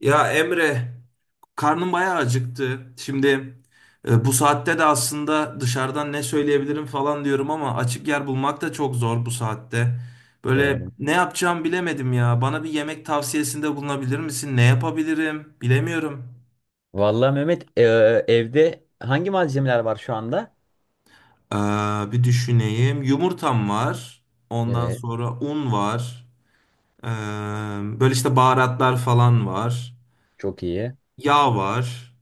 Ya Emre, karnım bayağı acıktı. Şimdi bu saatte de aslında dışarıdan ne söyleyebilirim falan diyorum ama açık yer bulmak da çok zor bu saatte. Böyle Doğru. ne yapacağımı bilemedim ya. Bana bir yemek tavsiyesinde bulunabilir misin? Ne yapabilirim? Bilemiyorum. Vallahi Mehmet evde hangi malzemeler var şu anda? Ee, Bir düşüneyim. Yumurtam var. Ondan Evet. sonra un var. Ee, Böyle işte baharatlar falan var. Çok iyi. Yağ var.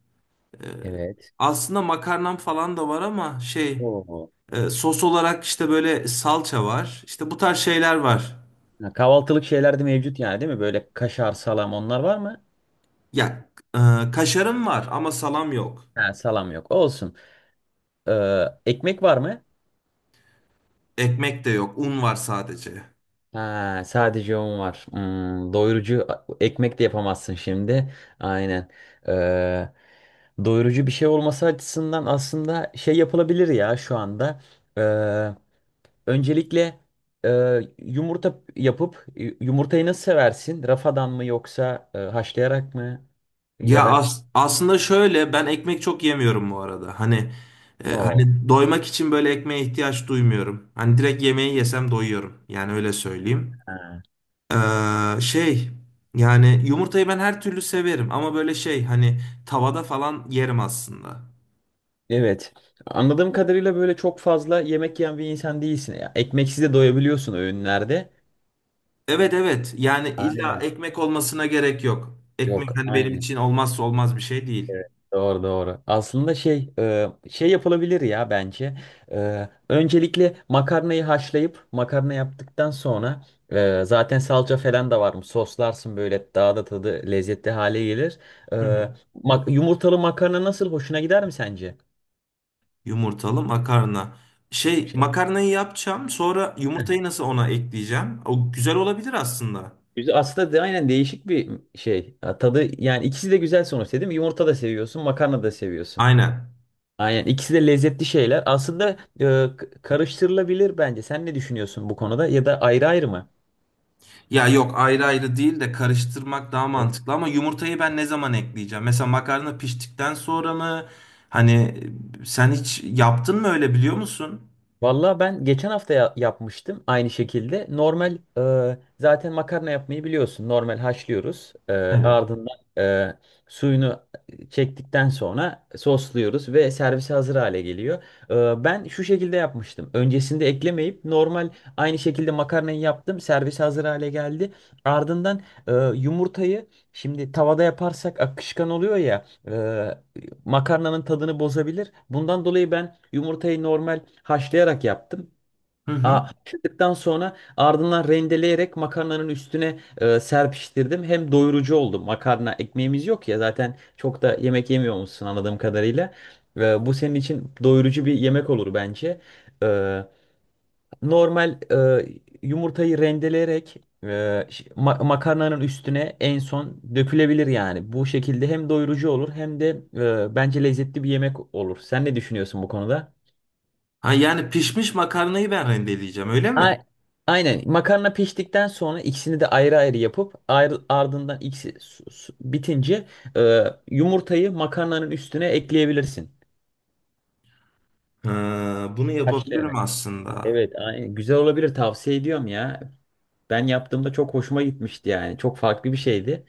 Evet. Aslında makarnam falan da var ama şey. Oo. Sos olarak işte böyle salça var. İşte bu tarz şeyler var. Ha, kahvaltılık şeyler de mevcut yani değil mi? Böyle kaşar, salam onlar var mı? Ya kaşarım var ama salam yok. Ha, salam yok. Olsun. Ekmek var mı? Ekmek de yok. Un var sadece. Ha, sadece un var. Hmm, doyurucu ekmek de yapamazsın şimdi. Aynen. Ee, doyurucu bir şey olması açısından aslında şey yapılabilir ya şu anda. Öncelikle e, yumurta yapıp yumurtayı nasıl seversin? Rafadan mı yoksa haşlayarak mı? Ya Ya da aslında şöyle ben ekmek çok yemiyorum bu arada. Hani oo. hani doymak için böyle ekmeğe ihtiyaç duymuyorum. Hani direkt yemeği yesem doyuyorum. Yani öyle söyleyeyim. Ha. Şey, yani yumurtayı ben her türlü severim ama böyle şey hani tavada falan yerim aslında. Evet. Anladığım kadarıyla böyle çok fazla yemek yiyen bir insan değilsin. Ya, ekmeksiz de doyabiliyorsun öğünlerde. Evet evet. Yani illa Aynen. ekmek olmasına gerek yok. Ekmek Yok, hani benim aynen. için olmazsa olmaz bir şey değil. Evet, doğru. Aslında şey şey yapılabilir ya bence. Öncelikle makarnayı haşlayıp makarna yaptıktan sonra zaten salça falan da var mı? Soslarsın böyle daha da tadı lezzetli hale gelir. E, Hı hı. Yumurtalı makarna nasıl hoşuna gider mi sence? Yumurtalı makarna. Şey Şey. makarnayı yapacağım. Sonra yumurtayı nasıl ona ekleyeceğim? O güzel olabilir aslında. Güzel. Aslında de, aynen değişik bir şey. Ha, tadı yani ikisi de güzel sonuçta değil mi? Yumurta da seviyorsun, makarna da seviyorsun. Aynen. Aynen ikisi de lezzetli şeyler. Aslında karıştırılabilir bence. Sen ne düşünüyorsun bu konuda ya da ayrı ayrı mı? Ya yok ayrı ayrı değil de karıştırmak daha mantıklı ama yumurtayı ben ne zaman ekleyeceğim? Mesela makarna piştikten sonra mı? Hani sen hiç yaptın mı öyle biliyor musun? Valla ben geçen hafta yapmıştım aynı şekilde. Normal zaten makarna yapmayı biliyorsun. Normal haşlıyoruz. Evet. Ardından suyunu çektikten sonra sosluyoruz ve servise hazır hale geliyor. Ben şu şekilde yapmıştım. Öncesinde eklemeyip normal aynı şekilde makarnayı yaptım. Servise hazır hale geldi. Ardından yumurtayı şimdi tavada yaparsak akışkan oluyor ya. e, Makarnanın tadını bozabilir. Bundan dolayı ben yumurtayı normal haşlayarak yaptım. Hı Aa, hı. haşladıktan sonra ardından rendeleyerek makarnanın üstüne serpiştirdim. Hem doyurucu oldu. Makarna ekmeğimiz yok ya zaten çok da yemek yemiyor musun anladığım kadarıyla. Bu senin için doyurucu bir yemek olur bence. E, Normal yumurtayı rendeleyerek makarnanın üstüne en son dökülebilir yani. Bu şekilde hem doyurucu olur hem de bence lezzetli bir yemek olur. Sen ne düşünüyorsun bu konuda? Ha yani pişmiş makarnayı ben rendeleyeceğim öyle A- mi? Aynen. Makarna piştikten sonra ikisini de ayrı ayrı yapıp ayrı, ardından ikisi bitince e, yumurtayı makarnanın üstüne ekleyebilirsin. Ha, bunu yapabilirim Haşlayarak. aslında. Evet, aynen. Güzel olabilir. Tavsiye ediyorum ya. Ben yaptığımda çok hoşuma gitmişti yani. Çok farklı bir şeydi.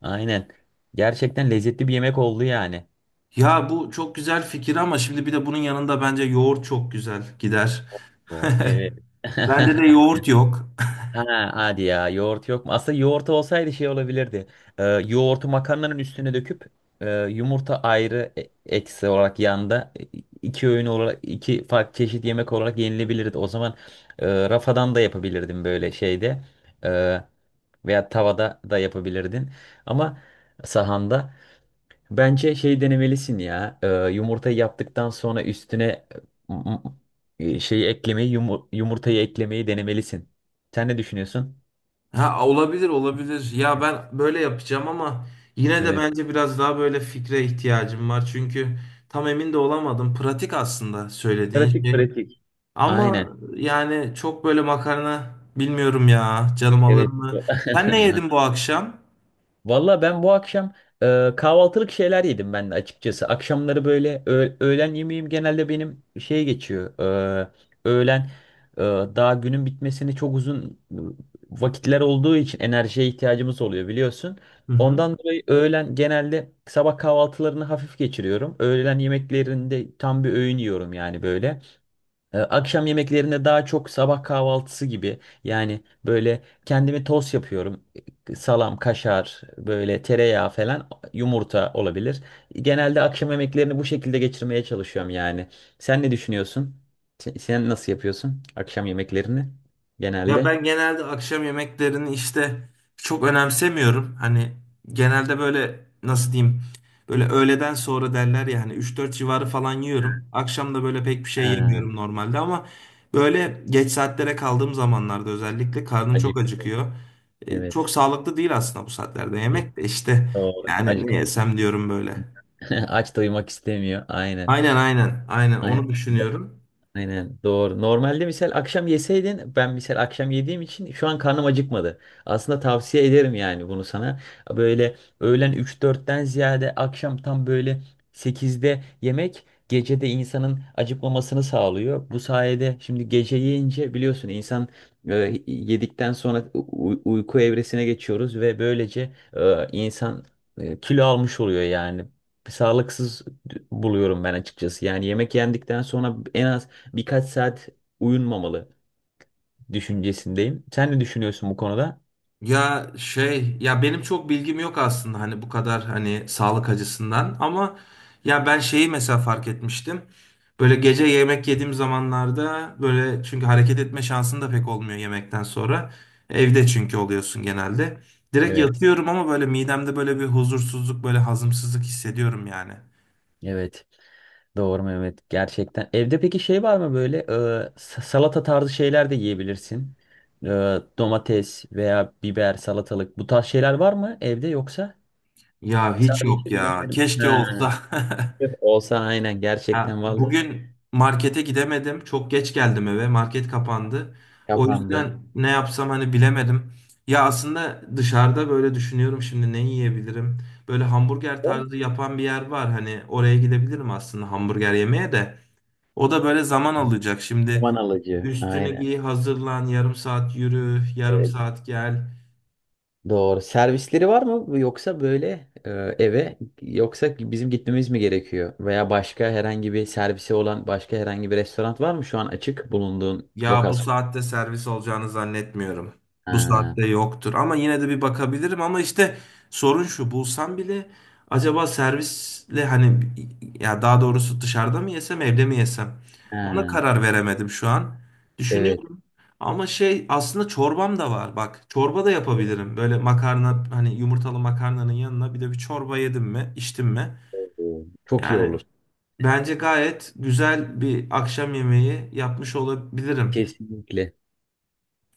Aynen. Gerçekten lezzetli bir yemek oldu yani. Ya bu çok güzel fikir ama şimdi bir de bunun yanında bence yoğurt çok güzel gider. Bu evet. Bende de yoğurt yok. Ha, hadi ya yoğurt yok mu? Aslında yoğurt olsaydı şey olabilirdi. Yoğurtu makarnanın üstüne döküp yumurta ayrı eksi olarak yanda iki öğün olarak iki farklı çeşit yemek olarak yenilebilirdi. O zaman rafadan da yapabilirdim böyle şeyde. E, veya tavada da yapabilirdin. Ama sahanda. Bence şey denemelisin ya. Yumurtayı yaptıktan sonra üstüne m- şeyi eklemeyi, yumurtayı eklemeyi denemelisin. Sen ne düşünüyorsun? Ha, olabilir olabilir. Ya ben böyle yapacağım ama yine de Evet. bence biraz daha böyle fikre ihtiyacım var. Çünkü tam emin de olamadım. Pratik aslında söylediğin Pratik şey. pratik. Aynen. Ama yani çok böyle makarna bilmiyorum ya. Canım alır Evet. mı? Sen ne yedin bu akşam? Valla ben bu akşam kahvaltılık şeyler yedim ben de açıkçası. Akşamları böyle öğlen yemeğim genelde benim şey geçiyor. e, Öğlen e, daha günün bitmesini çok uzun vakitler olduğu için enerjiye ihtiyacımız oluyor biliyorsun. Hı hı. Ondan dolayı öğlen genelde sabah kahvaltılarını hafif geçiriyorum. Öğlen yemeklerinde tam bir öğün yiyorum yani böyle. Akşam yemeklerinde daha çok sabah kahvaltısı gibi yani böyle kendimi tost yapıyorum. Salam, kaşar, böyle tereyağı falan, yumurta olabilir. Genelde akşam yemeklerini bu şekilde geçirmeye çalışıyorum yani. Sen ne düşünüyorsun? Sen nasıl yapıyorsun akşam yemeklerini Ya genelde? ben genelde akşam yemeklerini işte çok önemsemiyorum. Hani genelde böyle nasıl diyeyim böyle öğleden sonra derler ya hani 3-4 civarı falan yiyorum. Akşam da böyle pek bir şey Ha, yemiyorum normalde ama böyle geç saatlere kaldığım zamanlarda özellikle karnım çok acıktım. acıkıyor. Çok Evet. sağlıklı değil aslında bu saatlerde yemek de işte Doğru. yani ne Acıkınca. yesem diyorum böyle. Aç doymak istemiyor. Aynen. Aynen aynen aynen Aynen. onu düşünüyorum. Aynen doğru. Normalde misal akşam yeseydin ben misal akşam yediğim için şu an karnım acıkmadı. Aslında tavsiye ederim yani bunu sana. Böyle öğlen üç dörtten ziyade akşam tam böyle sekizde yemek gecede insanın acıkmamasını sağlıyor. Bu sayede şimdi gece yiyince biliyorsun insan e, yedikten sonra uyku evresine geçiyoruz ve böylece insan kilo almış oluyor yani. Sağlıksız buluyorum ben açıkçası. Yani yemek yendikten sonra en az birkaç saat uyunmamalı düşüncesindeyim. Sen ne düşünüyorsun bu konuda? Ya şey ya benim çok bilgim yok aslında hani bu kadar hani sağlık açısından ama ya ben şeyi mesela fark etmiştim. Böyle gece yemek yediğim zamanlarda böyle çünkü hareket etme şansın da pek olmuyor yemekten sonra. Evde çünkü oluyorsun genelde. Direkt Evet, yatıyorum ama böyle midemde böyle bir huzursuzluk böyle hazımsızlık hissediyorum yani. evet. Doğru Mehmet. Gerçekten. Evde peki şey var mı böyle salata tarzı şeyler de yiyebilirsin. E, domates veya biber, salatalık bu tarz şeyler var mı evde yoksa? Ya hiç Sadece yok ya. ürünlerim. Keşke Ha. olsa. Yok, olsa aynen Ya gerçekten valla bugün markete gidemedim. Çok geç geldim eve. Market kapandı. O kapandı. yüzden ne yapsam hani bilemedim. Ya aslında dışarıda böyle düşünüyorum şimdi ne yiyebilirim. Böyle hamburger Var mı? tarzı yapan bir yer var. Hani oraya gidebilirim aslında hamburger yemeye de. O da böyle zaman alacak. Zaman Şimdi alıcı. üstünü Aynen. giy, hazırlan, yarım saat yürü, yarım Evet. saat gel. Doğru. Servisleri var mı yoksa böyle eve yoksa bizim gitmemiz mi gerekiyor? Veya başka herhangi bir servisi olan başka herhangi bir restoran var mı şu an açık bulunduğun Ya bu lokasyon? saatte servis olacağını zannetmiyorum. Bu Ha, saatte yoktur. Ama yine de bir bakabilirim. Ama işte sorun şu bulsam bile acaba servisle hani ya daha doğrusu dışarıda mı yesem evde mi yesem? Ona ha, karar veremedim şu an. evet. Düşünüyorum. Ama şey aslında çorbam da var. Bak çorba da yapabilirim. Böyle makarna hani yumurtalı makarnanın yanına bir de bir çorba yedim mi içtim mi? Çok iyi Yani olur. bence gayet güzel bir akşam yemeği yapmış olabilirim. Kesinlikle.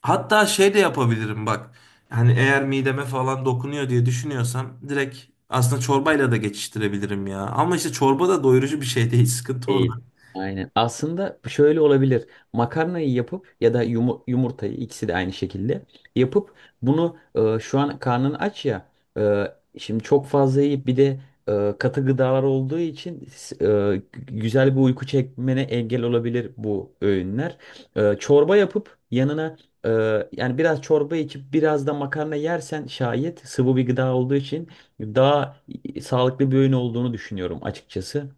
Hatta şey de yapabilirim bak. Hani eğer mideme falan dokunuyor diye düşünüyorsam direkt aslında çorbayla da geçiştirebilirim ya. Ama işte çorba da doyurucu bir şey değil. Sıkıntı orada. Değil. Aynen. Aslında şöyle olabilir. Makarnayı yapıp ya da yumurtayı ikisi de aynı şekilde yapıp bunu şu an karnın aç ya e, şimdi çok fazla yiyip bir de katı gıdalar olduğu için güzel bir uyku çekmene engel olabilir bu öğünler. Çorba yapıp yanına e, yani biraz çorba içip biraz da makarna yersen şayet sıvı bir gıda olduğu için daha sağlıklı bir öğün olduğunu düşünüyorum açıkçası.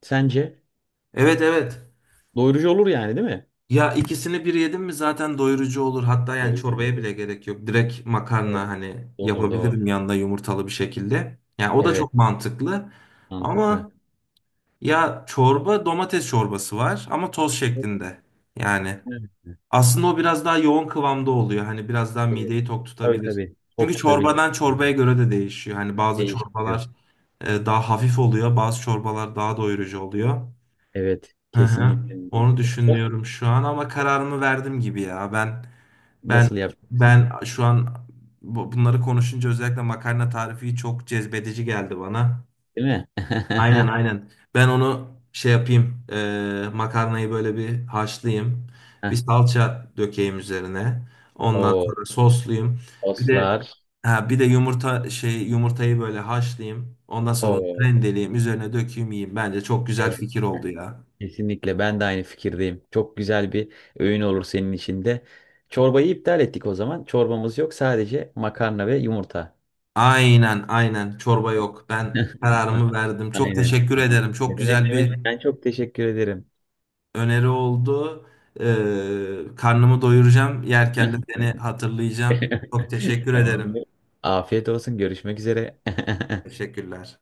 Sence? Evet evet. Doyurucu olur yani değil mi? Ya ikisini bir yedim mi zaten doyurucu olur. Hatta yani Doyurucu çorbaya olur. bile gerek yok. Direkt makarna Evet. hani Doğru. yapabilirim yanında yumurtalı bir şekilde. Yani o da Evet. çok mantıklı. Mantıklı. Ama ya çorba domates çorbası var ama toz Evet, şeklinde. Yani. Aslında o biraz daha yoğun kıvamda oluyor. Hani biraz daha evet. mideyi tok Tabii tutabilir. tabii. Çünkü Tok tutabilir. çorbadan çorbaya göre de değişiyor. Hani bazı Değişiyor. çorbalar daha hafif oluyor, bazı çorbalar daha doyurucu oluyor. Evet. Hı hı. Kesinlikle. Onu Sıra düşünüyorum şu an ama kararımı verdim gibi ya. Ben nasıl yapacaksın? ben şu an bunları konuşunca özellikle makarna tarifi çok cezbedici geldi bana. Değil mi? Aynen aynen. Ben onu şey yapayım. Makarnayı böyle bir haşlayayım. Bir Heh, salça dökeyim üzerine. Ondan o sonra soslayayım. Bir de oslar. ha, bir de yumurta yumurtayı böyle haşlayayım. Ondan sonra onu O. rendeleyeyim, üzerine dökeyim, yiyeyim. Bence çok güzel Evet. fikir oldu ya. Kesinlikle. Ben de aynı fikirdeyim. Çok güzel bir öğün olur senin için de. Çorbayı iptal ettik o zaman. Çorbamız yok. Sadece makarna ve yumurta. Aynen aynen. Çorba yok. Ben kararımı verdim. Çok Aynen. teşekkür Tamam. ederim. Çok Ne demek güzel bir demek. Ben çok teşekkür ederim. öneri oldu. E, karnımı doyuracağım. Yerken de seni hatırlayacağım. Çok teşekkür ederim. Tamamdır. Afiyet olsun. Görüşmek üzere. Teşekkürler.